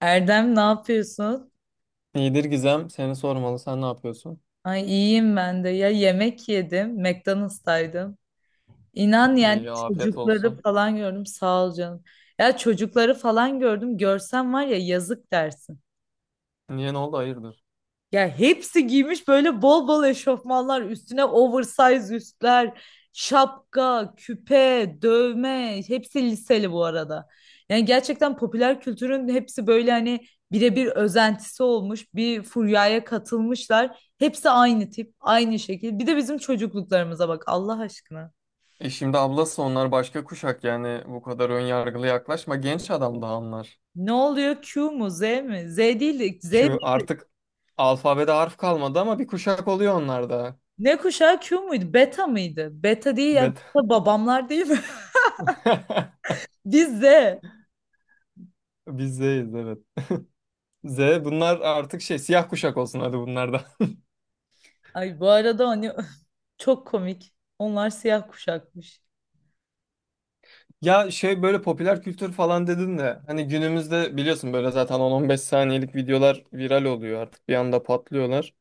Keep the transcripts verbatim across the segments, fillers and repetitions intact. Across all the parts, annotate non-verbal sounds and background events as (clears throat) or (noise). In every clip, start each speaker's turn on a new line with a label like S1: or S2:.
S1: Erdem ne yapıyorsun?
S2: İyidir Gizem. Seni sormalı. Sen ne yapıyorsun?
S1: Ay, iyiyim ben de. Ya yemek yedim. McDonald's'taydım. İnan yani
S2: İyi, afiyet olsun.
S1: çocukları falan gördüm. Sağ ol canım. Ya çocukları falan gördüm. Görsen var ya yazık dersin.
S2: Niye, ne oldu? Hayırdır?
S1: Ya hepsi giymiş böyle bol bol eşofmanlar, üstüne oversize üstler, şapka, küpe, dövme, hepsi liseli bu arada. Yani gerçekten popüler kültürün hepsi böyle hani birebir özentisi olmuş, bir furyaya katılmışlar. Hepsi aynı tip, aynı şekil. Bir de bizim çocukluklarımıza bak Allah aşkına.
S2: E şimdi ablası, onlar başka kuşak, yani bu kadar ön yargılı yaklaşma. Genç adam daha onlar.
S1: Ne oluyor? Q mu? Z mi? Z değil de. Z.
S2: Q artık alfabede harf kalmadı ama bir kuşak oluyor onlar da.
S1: Ne kuşağı, Q muydu? Beta mıydı? Beta değil ya.
S2: Bet.
S1: Beta babamlar değil mi?
S2: (laughs)
S1: (laughs) Biz Z.
S2: Biz Z'yiz, evet. Z, bunlar artık şey, siyah kuşak olsun hadi bunlar da. (laughs)
S1: Ay, bu arada hani (laughs) çok komik. Onlar siyah kuşakmış.
S2: Ya şey, böyle popüler kültür falan dedin de hani günümüzde biliyorsun, böyle zaten on on beş saniyelik videolar viral oluyor, artık bir anda patlıyorlar.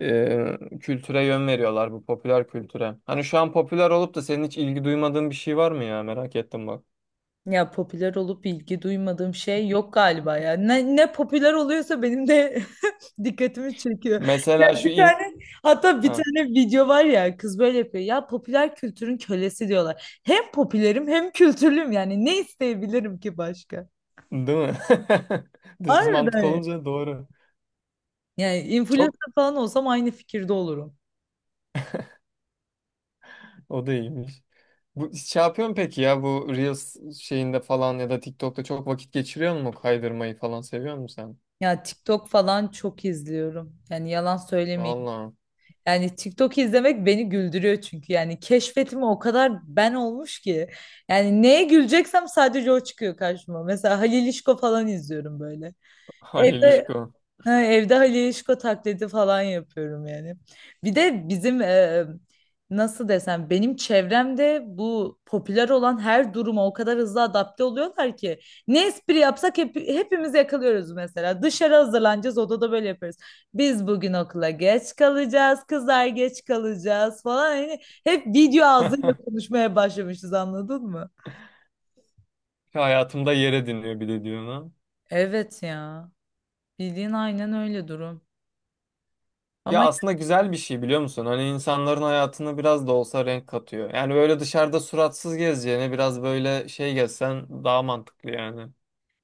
S2: e, Kültüre yön veriyorlar bu popüler kültüre. Hani şu an popüler olup da senin hiç ilgi duymadığın bir şey var mı ya? Merak ettim bak.
S1: Ya popüler olup ilgi duymadığım şey yok galiba ya. Ne, ne popüler oluyorsa benim de (laughs) dikkatimi çekiyor.
S2: Mesela
S1: Ya,
S2: şu
S1: bir
S2: in...
S1: tane, hatta bir
S2: Ha,
S1: tane video var ya, kız böyle yapıyor. Ya popüler kültürün kölesi diyorlar. Hem popülerim hem kültürlüyüm, yani ne isteyebilirim ki başka?
S2: değil mi? (laughs) Düz mantık
S1: Harbiden
S2: olunca doğru.
S1: ya. Yani
S2: Çok,
S1: influencer falan olsam aynı fikirde olurum.
S2: o da iyiymiş. Bu şey yapıyor musun peki, ya bu Reels şeyinde falan ya da TikTok'ta çok vakit geçiriyor mu? Kaydırmayı falan seviyor musun sen?
S1: Ya TikTok falan çok izliyorum. Yani yalan söylemeyeyim.
S2: Vallahi.
S1: Yani TikTok izlemek beni güldürüyor çünkü. Yani keşfetime o kadar ben olmuş ki. Yani neye güleceksem sadece o çıkıyor karşıma. Mesela Halil İşko falan izliyorum böyle.
S2: Halil
S1: Evde,
S2: İşko.
S1: ha, evde Halil Yeşko taklidi falan yapıyorum yani. Bir de bizim e, nasıl desem benim çevremde bu popüler olan her duruma o kadar hızlı adapte oluyorlar ki ne espri yapsak hep, hepimiz yakalıyoruz mesela. Dışarı hazırlanacağız, odada böyle yapıyoruz. Biz bugün okula geç kalacağız, kızlar geç kalacağız falan. Yani hep video ağzıyla
S2: (laughs)
S1: konuşmaya başlamışız, anladın mı?
S2: Hayatımda yer ediniyor bir de diyor ha.
S1: Evet ya. Bildiğin aynen öyle durum.
S2: Ya
S1: Ama
S2: aslında güzel bir şey, biliyor musun? Hani insanların hayatına biraz da olsa renk katıyor. Yani böyle dışarıda suratsız gezeceğine biraz böyle şey gezsen daha mantıklı yani.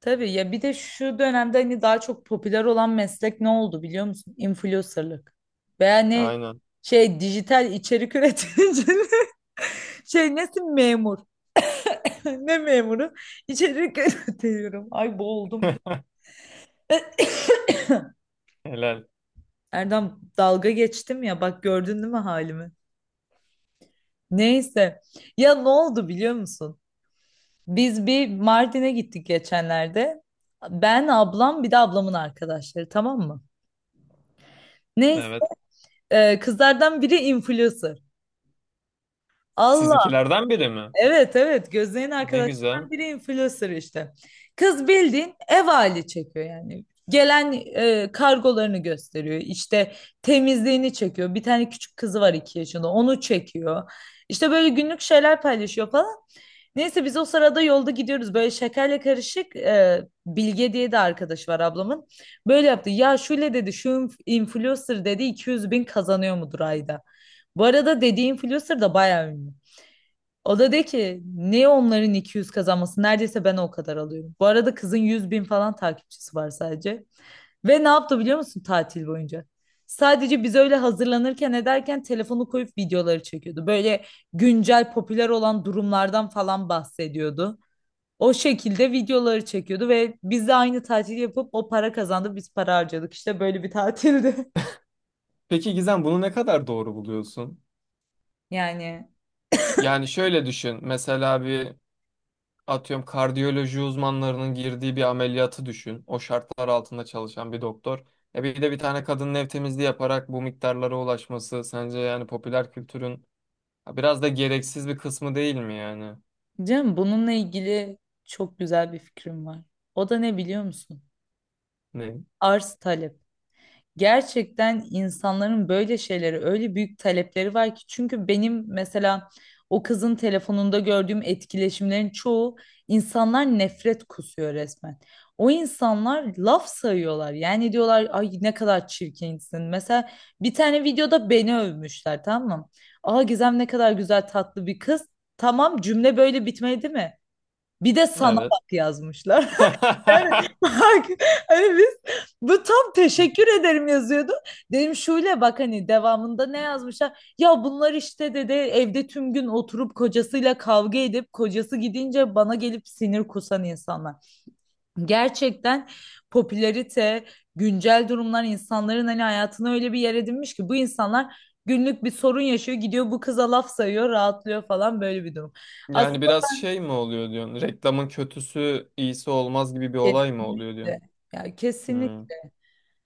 S1: tabii ya, bir de şu dönemde hani daha çok popüler olan meslek ne oldu biliyor musun? Influencer'lık. Veya ne,
S2: Aynen.
S1: şey, dijital içerik üreticiliği. (laughs) Şey, nesin, memur? (laughs) Ne memuru? İçerik (laughs) üretiyorum. Ay boğuldum.
S2: Helal.
S1: Erdem, dalga geçtim ya, bak gördün değil mi halimi? Neyse. Ya ne oldu biliyor musun? Biz bir Mardin'e gittik geçenlerde. Ben, ablam bir de ablamın arkadaşları, tamam mı? Neyse.
S2: Evet.
S1: E, kızlardan biri influencer. Allah.
S2: Sizinkilerden biri mi?
S1: Evet, evet, gözlerin
S2: Ne güzel.
S1: arkadaşlarından biri influencer işte. Kız bildiğin ev hali çekiyor yani. Gelen e, kargolarını gösteriyor. İşte temizliğini çekiyor. Bir tane küçük kızı var, iki yaşında, onu çekiyor. İşte böyle günlük şeyler paylaşıyor falan. Neyse, biz o sırada yolda gidiyoruz. Böyle şekerle karışık, e, Bilge diye de arkadaş var ablamın. Böyle yaptı. Ya şöyle dedi, şu inf- influencer dedi iki yüz bin kazanıyor mudur ayda? Bu arada dediği influencer da bayağı ünlü. O da de ki niye onların iki yüz kazanması? Neredeyse ben o kadar alıyorum. Bu arada kızın yüz bin falan takipçisi var sadece. Ve ne yaptı biliyor musun tatil boyunca? Sadece biz öyle hazırlanırken ederken telefonu koyup videoları çekiyordu. Böyle güncel popüler olan durumlardan falan bahsediyordu. O şekilde videoları çekiyordu ve biz de aynı tatili yapıp o para kazandı, biz para harcadık. İşte böyle bir tatildi. (laughs)
S2: Peki Gizem, bunu ne kadar doğru buluyorsun?
S1: Yani
S2: Yani şöyle düşün. Mesela bir Atıyorum, kardiyoloji uzmanlarının girdiği bir ameliyatı düşün. O şartlar altında çalışan bir doktor. E bir de bir tane kadının ev temizliği yaparak bu miktarlara ulaşması, sence yani popüler kültürün ya biraz da gereksiz bir kısmı değil mi yani?
S1: canım, bununla ilgili çok güzel bir fikrim var. O da ne biliyor musun?
S2: Ne?
S1: Arz talep. Gerçekten insanların böyle şeyleri öyle büyük talepleri var ki, çünkü benim mesela o kızın telefonunda gördüğüm etkileşimlerin çoğu, insanlar nefret kusuyor resmen. O insanlar laf sayıyorlar. Yani diyorlar ay ne kadar çirkinsin. Mesela bir tane videoda beni övmüşler, tamam mı? Aa, Gizem ne kadar güzel tatlı bir kız. Tamam, cümle böyle bitmedi mi? Bir de sana
S2: Evet.
S1: bak yazmışlar. Evet,
S2: (laughs)
S1: bak hani biz, bu tam teşekkür ederim yazıyordu. Dedim şöyle bak, hani devamında ne yazmışlar? Ya bunlar işte dedi evde tüm gün oturup kocasıyla kavga edip kocası gidince bana gelip sinir kusan insanlar. Gerçekten popülarite, güncel durumlar insanların hani hayatına öyle bir yer edinmiş ki bu insanlar günlük bir sorun yaşıyor, gidiyor bu kıza laf sayıyor, rahatlıyor falan, böyle bir durum. Aslında
S2: Yani biraz şey mi oluyor diyorsun? Reklamın kötüsü iyisi olmaz gibi bir olay mı oluyor diyorsun?
S1: kesinlikle. Ya
S2: Hmm.
S1: kesinlikle.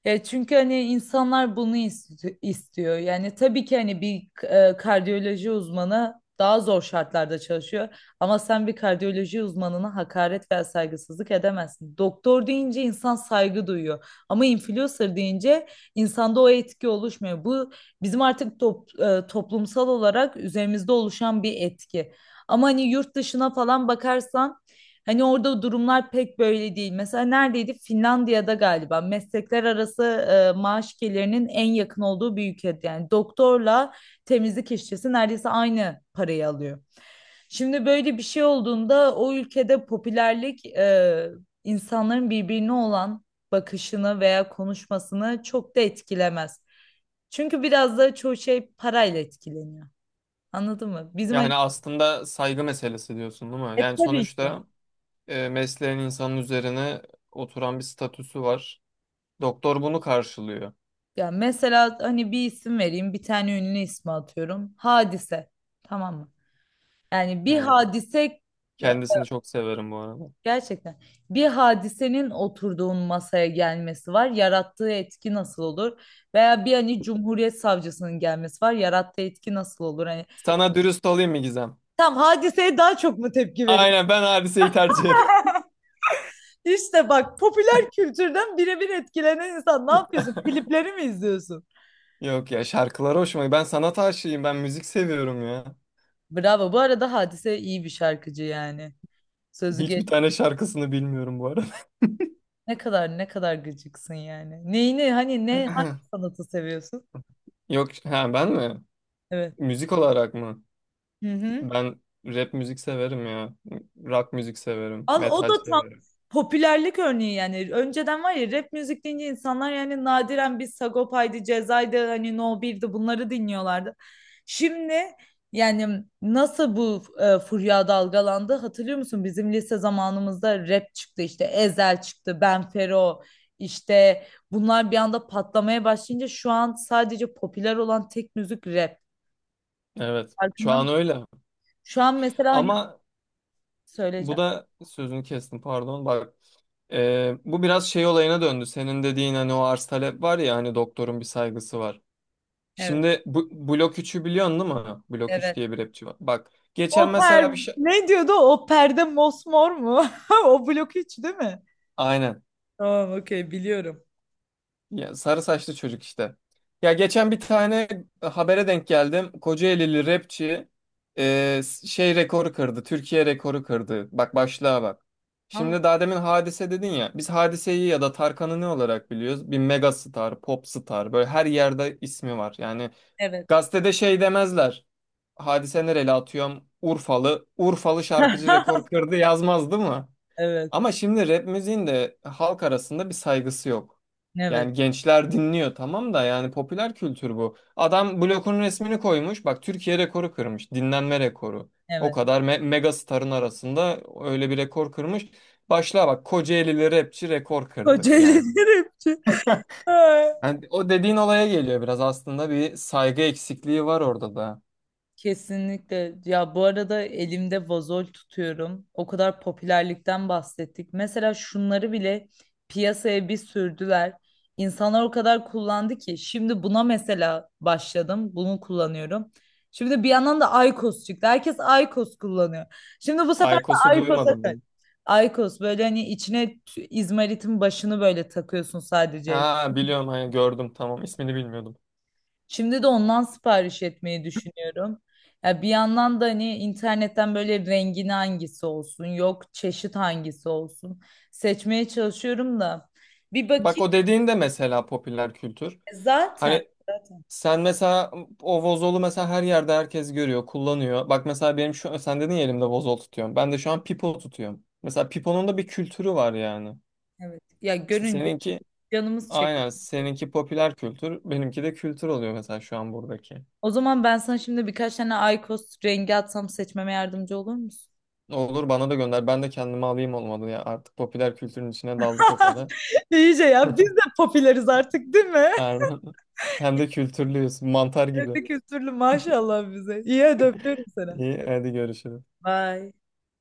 S1: Ya çünkü hani insanlar bunu ist- istiyor. Yani tabii ki hani bir e, kardiyoloji uzmanı daha zor şartlarda çalışıyor. Ama sen bir kardiyoloji uzmanına hakaret veya saygısızlık edemezsin. Doktor deyince insan saygı duyuyor. Ama influencer deyince insanda o etki oluşmuyor. Bu bizim artık top- e, toplumsal olarak üzerimizde oluşan bir etki. Ama hani yurt dışına falan bakarsan, hani orada durumlar pek böyle değil. Mesela neredeydi? Finlandiya'da galiba meslekler arası e, maaş gelirinin en yakın olduğu bir ülke. Yani doktorla temizlik işçisi neredeyse aynı parayı alıyor. Şimdi böyle bir şey olduğunda o ülkede popülerlik e, insanların birbirine olan bakışını veya konuşmasını çok da etkilemez. Çünkü biraz da çoğu şey parayla etkileniyor. Anladın mı? Bizim hani,
S2: Yani aslında saygı meselesi diyorsun değil mi? Yani
S1: tabii.
S2: sonuçta e, mesleğin insanın üzerine oturan bir statüsü var. Doktor bunu karşılıyor.
S1: Ya mesela hani bir isim vereyim, bir tane ünlü ismi atıyorum. Hadise. Tamam mı? Yani bir
S2: Evet.
S1: hadise, ya
S2: Kendisini çok severim bu arada.
S1: gerçekten bir hadisenin oturduğun masaya gelmesi var. Yarattığı etki nasıl olur? Veya bir hani Cumhuriyet Savcısının gelmesi var. Yarattığı etki nasıl olur? Hani
S2: Sana dürüst olayım mı Gizem?
S1: tam hadiseye daha çok mu tepki verir?
S2: Aynen, ben Hadise'yi tercih ederim. (laughs)
S1: İşte bak popüler kültürden birebir etkilenen insan, ne yapıyorsun? Klipleri mi izliyorsun?
S2: Yok ya, şarkılar hoşuma. Ben sanat aşığıyım. Ben müzik seviyorum ya.
S1: Bravo. Bu arada Hadise iyi bir şarkıcı yani. Sözü.
S2: Hiçbir tane şarkısını bilmiyorum bu arada.
S1: Ne kadar ne kadar gıcıksın yani. Neyini hani, ne, hangi
S2: (clears throat)
S1: sanatı seviyorsun?
S2: Yok, ha ben mi?
S1: Evet.
S2: Müzik olarak mı?
S1: Hı hı.
S2: Ben rap müzik severim ya. Rock müzik severim.
S1: Al, o da
S2: Metal
S1: tam
S2: severim.
S1: popülerlik örneği yani. Önceden var ya, rap müzik deyince insanlar yani nadiren bir Sagopa'ydı, Ceza'ydı, hani No birdi bunları dinliyorlardı. Şimdi yani nasıl bu e, furya dalgalandı, hatırlıyor musun? Bizim lise zamanımızda rap çıktı, işte Ezhel çıktı, Ben Fero, işte bunlar bir anda patlamaya başlayınca şu an sadece popüler olan tek müzik rap.
S2: Evet. Şu
S1: Farkında mı?
S2: an öyle.
S1: Şu an mesela hani
S2: Ama bu
S1: söyleyeceğim.
S2: da, sözünü kestim pardon. Bak, e, bu biraz şey olayına döndü. Senin dediğin hani, o arz talep var ya, hani doktorun bir saygısı var.
S1: Evet,
S2: Şimdi bu Blok üçü biliyorsun değil mi? Blok üç
S1: evet.
S2: diye bir rapçi var. Bak geçen
S1: O
S2: mesela
S1: per
S2: bir şey...
S1: ne diyordu? O perde mosmor mu? (laughs) O blok hiç değil mi?
S2: Aynen.
S1: Tamam, okey, biliyorum.
S2: Ya sarı saçlı çocuk işte. Ya geçen bir tane habere denk geldim. Kocaelili rapçi e, şey rekoru kırdı. Türkiye rekoru kırdı. Bak başlığa bak.
S1: Vallahi.
S2: Şimdi daha demin Hadise dedin ya. Biz Hadise'yi ya da Tarkan'ı ne olarak biliyoruz? Bir mega star, pop star. Böyle her yerde ismi var. Yani
S1: Evet,
S2: gazetede şey demezler. Hadise nereli atıyorum? Urfalı. Urfalı şarkıcı rekor
S1: (laughs)
S2: kırdı yazmaz değil mi?
S1: evet,
S2: Ama şimdi rap müziğin de halk arasında bir saygısı yok. Yani
S1: evet,
S2: gençler dinliyor tamam da, yani popüler kültür bu. Adam blokun resmini koymuş. Bak Türkiye rekoru kırmış. Dinlenme rekoru. O
S1: evet.
S2: kadar me mega starın arasında öyle bir rekor kırmış. Başla bak, Kocaelili rapçi rekor kırdı
S1: Kocaeli
S2: yani.
S1: rapçi. (laughs)
S2: Yani o dediğin olaya geliyor biraz, aslında bir saygı eksikliği var orada da.
S1: Kesinlikle. Ya bu arada elimde vazol tutuyorum. O kadar popülerlikten bahsettik. Mesela şunları bile piyasaya bir sürdüler. İnsanlar o kadar kullandı ki şimdi buna mesela başladım. Bunu kullanıyorum. Şimdi bir yandan da Aykos çıktı. Herkes Aykos kullanıyor. Şimdi bu sefer de
S2: Aykos'u
S1: Aykos'a kaç.
S2: duymadım.
S1: Aykos böyle hani içine t- izmaritin başını böyle takıyorsun sadece.
S2: Ha biliyorum, hani gördüm, tamam, ismini bilmiyordum.
S1: Şimdi de ondan sipariş etmeyi düşünüyorum. Ya bir yandan da hani internetten böyle rengin hangisi olsun, yok çeşit hangisi olsun seçmeye çalışıyorum da bir
S2: Bak
S1: bakayım.
S2: o dediğin de mesela popüler kültür.
S1: E, zaten.
S2: Hani
S1: Zaten
S2: sen mesela o vozolu mesela her yerde herkes görüyor, kullanıyor. Bak mesela benim şu, sen dedin ya elimde vozol tutuyorum. Ben de şu an pipo tutuyorum. Mesela piponun da bir kültürü var yani.
S1: evet. Ya
S2: İşte
S1: görünce
S2: seninki,
S1: canımız çekiyor.
S2: aynen seninki popüler kültür, benimki de kültür oluyor mesela şu an buradaki.
S1: O zaman ben sana şimdi birkaç tane IQOS rengi atsam seçmeme yardımcı olur musun?
S2: Olur, bana da gönder. Ben de kendimi alayım, olmadı ya. Artık popüler kültürün içine daldık o
S1: (laughs)
S2: kadar.
S1: İyice ya, biz de
S2: (laughs)
S1: popüleriz artık değil mi?
S2: Aynen. Hem de kültürlüyüz. Mantar gibi.
S1: (laughs) Kültürlü maşallah bize. İyi, hadi öpüyorum seni.
S2: İyi, hadi görüşürüz.
S1: Bye.